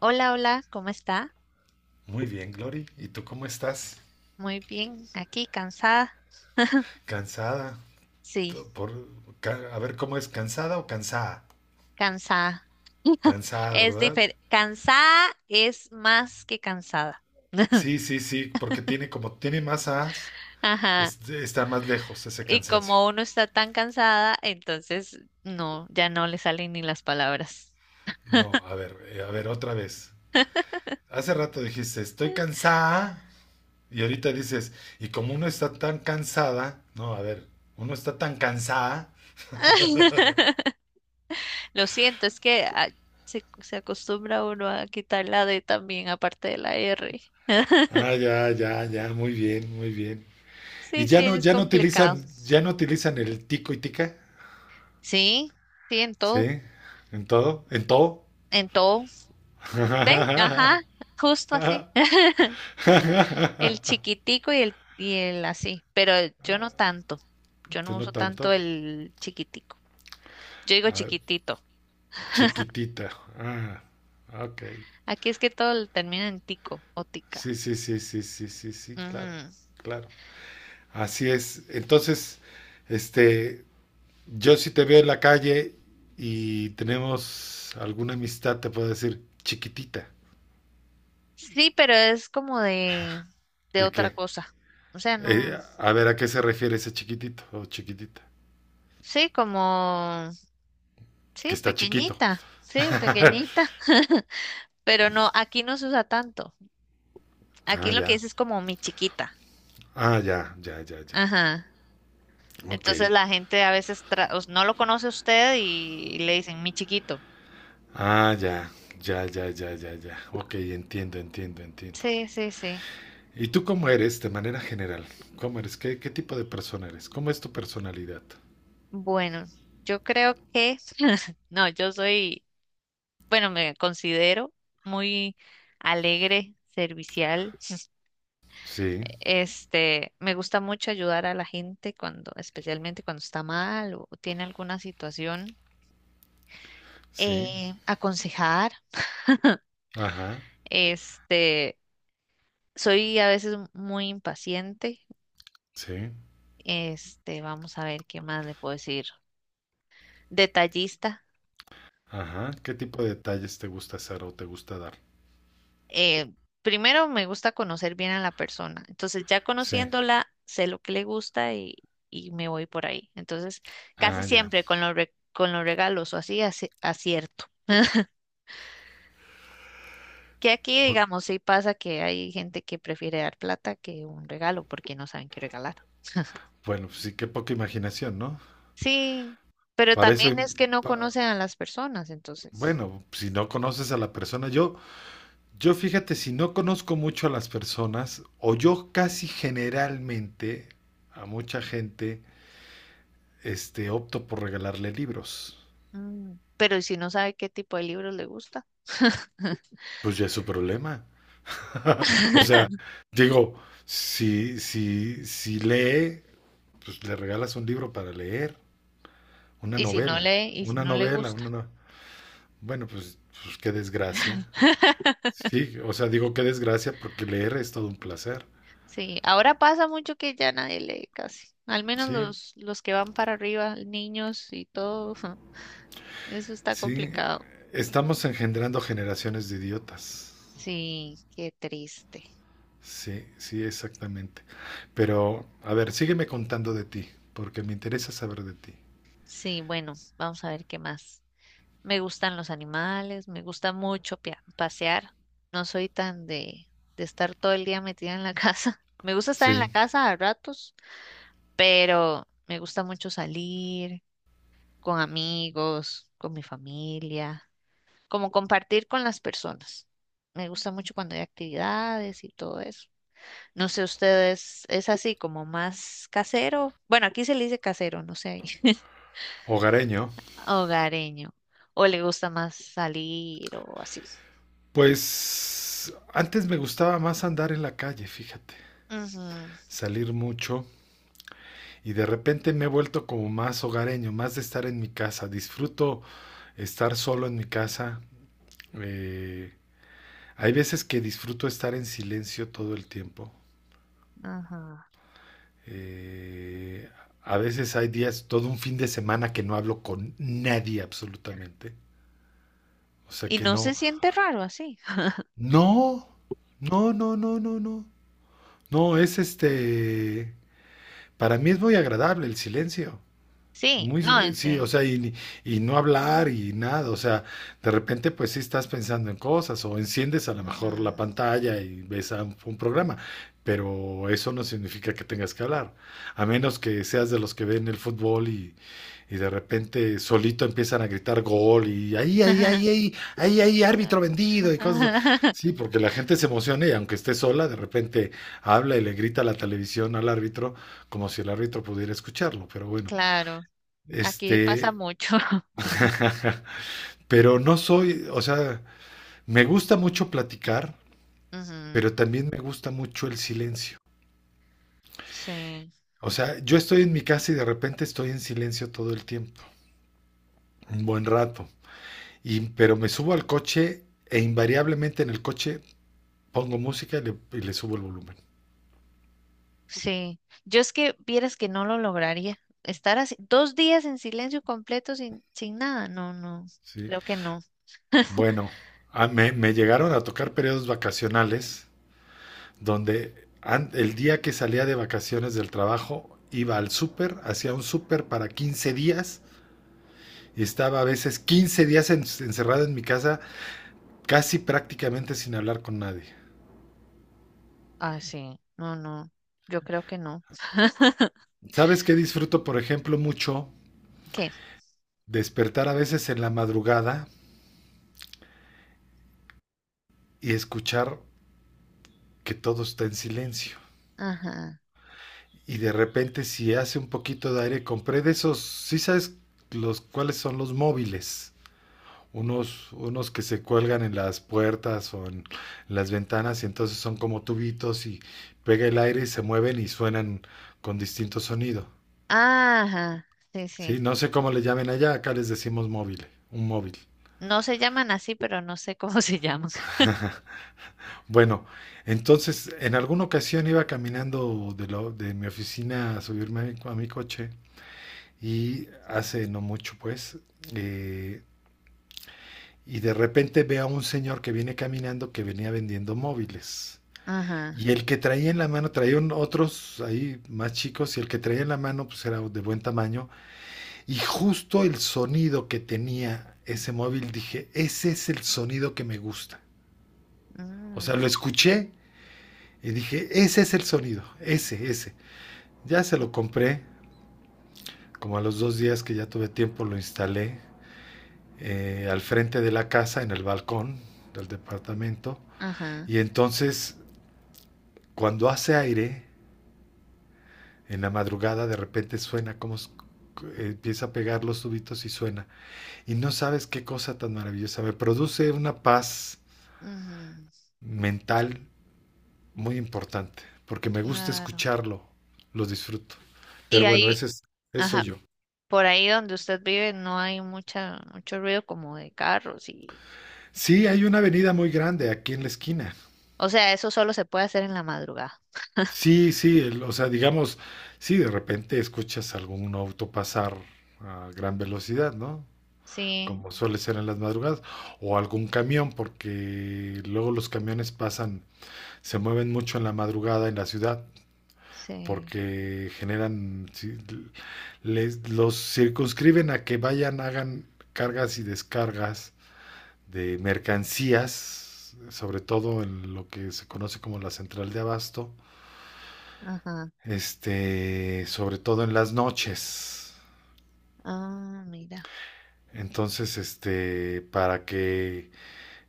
Hola, hola, ¿cómo está? Muy bien, Glory. ¿Y tú cómo estás? Muy bien, aquí cansada. ¿Cansada? Sí, To- Por, a ver, ¿cómo es? ¿Cansada o cansada? cansada. Cansada, Es ¿verdad? diferente. Cansada es más que cansada. Sí, sí, sí, porque tiene como tiene más as, Ajá. es, está más lejos ese Y cansancio. como uno está tan cansada, entonces no, ya no le salen ni las palabras. No, a ver, otra vez. Hace rato dijiste, estoy cansada, y ahorita dices, y como uno está tan cansada, no, a ver, uno está tan cansada. Lo siento, es que se acostumbra uno a quitar la D también, aparte de la R. Ah, ya, ya, ya, muy bien, muy bien. Y Sí, ya sí, no, es complicado. Ya no utilizan el tico y tica. Sí, sí, en Sí, todo, en todo, en todo. en todo. Ve, ajá, justo así. El chiquitico y el así, pero yo no tanto. Yo Tú no no uso tanto tanto. el chiquitico. Yo digo A ver, chiquitito. chiquitita. Ah, ok. Aquí es que todo lo termina en tico o Sí, tica. sí, sí, sí, sí, sí, sí, claro, Ujú. claro. Así es. Entonces, este, yo si te veo en la calle y tenemos alguna amistad, te puedo decir chiquitita. Sí, pero es como de ¿De otra qué? cosa. O sea, no. A ver, ¿a qué se refiere ese chiquitito o chiquitita? Sí, como. Que Sí, está chiquito. pequeñita. Sí, pequeñita. Pero no, aquí no se usa tanto. Aquí Ah, lo que ya. dice es como mi chiquita. Ah, ya, ya, ya, ya. Ajá. Ok, Entonces la gente a veces no lo conoce a usted y le dicen mi chiquito. ah, ya, ya, ya, ya, ya, ya. Ok, entiendo, entiendo, entiendo. Sí, sí, sí. ¿Y tú cómo eres de manera general? ¿Cómo eres? ¿Qué tipo de persona eres? ¿Cómo es tu personalidad? Bueno, yo creo que, no, yo soy, bueno, me considero muy alegre, servicial. Sí, Este, me gusta mucho ayudar a la gente cuando, especialmente cuando está mal o tiene alguna situación, sí, aconsejar. ajá, Este, soy a veces muy impaciente. sí, Este, vamos a ver qué más le puedo decir. Detallista. ajá. ¿Qué tipo de detalles te gusta hacer o te gusta dar? Eh, primero me gusta conocer bien a la persona. Entonces, ya Sí, conociéndola, sé lo que le gusta y me voy por ahí. Entonces, casi ah, ya. siempre con los regalos o así, acierto. Que aquí, O- digamos, sí pasa que hay gente que prefiere dar plata que un regalo porque no saben qué regalar. bueno, pues sí, qué poca imaginación, ¿no? Sí, pero Para eso, también im- es que no pa- conocen a las personas, entonces. Bueno, si no conoces a la persona, yo fíjate, si no conozco mucho a las personas, o yo casi generalmente a mucha gente, opto por regalarle libros. mm, Pero ¿y si no sabe qué tipo de libros le gusta? Pues ya es su problema. O sea, digo, si lee, pues le regalas un libro para leer, una ¿Y si no novela, lee? ¿Y si una no le novela, gusta? una no- bueno, pues qué desgracia. Sí, o sea, digo qué desgracia porque leer es todo un placer. Sí, ahora pasa mucho que ya nadie lee casi. Al menos Sí. los que van para arriba, niños y todo, eso está Sí, complicado. estamos engendrando generaciones de idiotas. Sí, qué triste. Sí, sí, exactamente. Pero, a ver, sígueme contando de ti, porque me interesa saber de ti. Sí, bueno, vamos a ver qué más. Me gustan los animales, me gusta mucho pasear. No soy tan de estar todo el día metida en la casa. Me gusta estar en Sí, la casa a ratos, pero me gusta mucho salir con amigos, con mi familia. Como compartir con las personas. Me gusta mucho cuando hay actividades y todo eso. No sé, ustedes es así como más casero. Bueno, aquí se le dice casero, no sé, ahí. hogareño. Hogareño. O le gusta más salir o así. Pues antes me gustaba más andar en la calle, fíjate, Ujú, salir mucho y de repente me he vuelto como más hogareño, más de estar en mi casa. Disfruto estar solo en mi casa. Eh, Hay veces que disfruto estar en silencio todo el tiempo. ajá. Eh, a veces hay días, todo un fin de semana que no hablo con nadie absolutamente. O sea Y que no se no, siente raro así. no, no, no, no, no, no. No, para mí es muy agradable el silencio. Sí, Muy, no, en sí. sí, y no hablar y nada, o sea, de repente pues sí estás pensando en cosas o enciendes a lo Ujú. mejor la pantalla y ves a un programa, pero eso no significa que tengas que hablar, a menos que seas de los que ven el fútbol y de repente solito empiezan a gritar gol y ahí, ahí, ahí, ahí, ahí, ahí, árbitro vendido y cosas. Sí, porque la gente se emociona y aunque esté sola, de repente habla y le grita a la televisión al árbitro como si el árbitro pudiera escucharlo, pero bueno. Claro, aquí pasa Este, mucho. pero no soy, o sea, me gusta mucho platicar, Ujú, pero también me gusta mucho el silencio. sí. O sea, yo estoy en mi casa y de repente estoy en silencio todo el tiempo, un buen rato. Pero me subo al coche e invariablemente en el coche pongo música y le subo el volumen. Sí, yo es que vieras que no lo lograría. Estar así, dos días en silencio completo sin nada, no, no, ¿Sí? creo que no. Bueno, me llegaron a tocar periodos vacacionales donde el día que salía de vacaciones del trabajo iba al súper, hacía un súper para 15 días y estaba a veces 15 días encerrado en mi casa, casi prácticamente sin hablar con nadie. Ah, sí, no, no, yo creo que no. ¿Sabes qué disfruto, por ejemplo, mucho? ¿Qué? Despertar a veces en la madrugada y escuchar que todo está en silencio. Ajá, Y de repente, si hace un poquito de aire, compré de esos, ¿sí sabes cuáles son los móviles? Unos que se cuelgan en las puertas o en las ventanas y entonces son como tubitos y pega el aire y se mueven y suenan con distinto sonido. ajá, sí, Sí, sí. no sé cómo le llamen allá, acá les decimos móvil, un móvil. No se llaman así, pero no sé cómo se llaman. Bueno, entonces en alguna ocasión iba caminando de mi oficina a subirme a a mi coche y hace no mucho pues, eh, y de repente veo a un señor que viene caminando que venía vendiendo móviles. Ajá, Y el que traía en la mano, traía otros ahí más chicos y el que traía en la mano pues era de buen tamaño. Y justo el sonido que tenía ese móvil dije, ese es el sonido que me gusta. O sea, mm, lo escuché y dije, ese es el sonido, ese, ese. Ya se lo compré, como a los 2 días que ya tuve tiempo lo instalé al frente de la casa, en el balcón del departamento. ajá, Y entonces, cuando hace aire, en la madrugada de repente suena como empieza a pegar los tubitos y suena. Y no sabes qué cosa tan maravillosa. Me produce una paz ujú, mental muy importante, porque me gusta claro. escucharlo, lo disfruto. Y Pero bueno, ahí, eso soy ajá, yo. por ahí donde usted vive no hay mucho ruido como de carros y, Sí, hay una avenida muy grande aquí en la esquina. o sea, eso solo se puede hacer en la madrugada. Sí, sí, o sea, digamos, sí, de repente escuchas algún auto pasar a gran velocidad, ¿no? Sí. Como suele ser en las madrugadas, o algún camión, porque luego los camiones pasan, se mueven mucho en la madrugada en la ciudad. Sí, Porque generan, sí, los circunscriben a que vayan, hagan cargas y descargas de mercancías, sobre todo en lo que se conoce como la central de abasto, ajá. Sobre todo en las noches. Ah, mira, Entonces, para que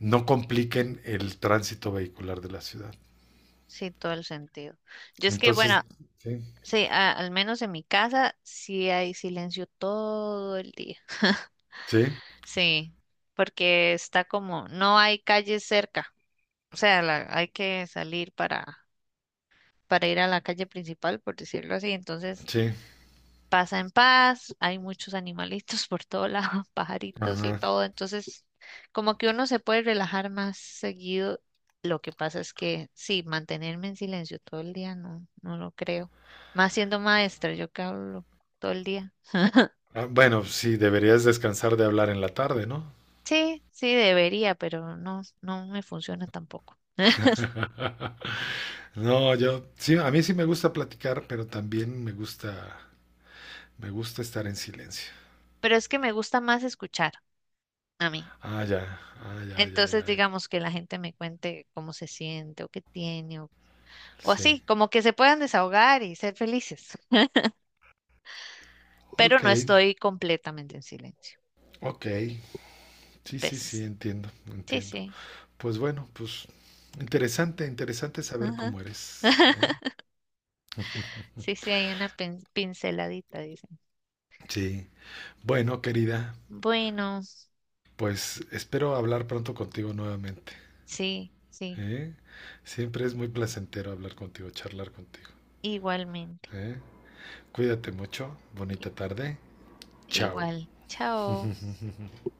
no compliquen el tránsito vehicular de la ciudad. sí, todo el sentido. Yo es que, Entonces, bueno, sí, sí, al menos en mi casa sí hay silencio todo el día. sí, Sí, porque está como, no hay calle cerca, o sea, hay que salir para ir a la calle principal, por decirlo así, entonces sí. pasa en paz, hay muchos animalitos por todo lado, pajaritos y Ajá. todo, entonces como que uno se puede relajar más seguido. Lo que pasa es que sí, mantenerme en silencio todo el día no, no lo creo. Más siendo maestra, yo que hablo todo el día. Ah, bueno, sí, deberías descansar de hablar en la tarde, ¿no? Sí, sí debería, pero no, no me funciona tampoco. No, yo sí, a mí sí me gusta platicar, pero también me gusta estar en silencio. Pero es que me gusta más escuchar a mí. Ah, ya, ah, ya, ya, Entonces, ya. Ya. digamos que la gente me cuente cómo se siente o qué tiene o, Sí. así, como que se puedan desahogar y ser felices. Pero Ok, no estoy completamente en silencio. ok. Sí, sí, sí, ¿Ves? entiendo, Sí, entiendo. sí. Pues bueno, pues interesante, interesante saber Ajá. cómo eres, ¿eh? Sí, sí, hay una pinceladita, dicen. Sí. Bueno, querida, Bueno, pues espero hablar pronto contigo nuevamente, sí, sí, ¿eh? Siempre es muy placentero hablar contigo, charlar contigo, igualmente. ¿eh? Cuídate mucho, I- bonita tarde, chao. Igual. Chao.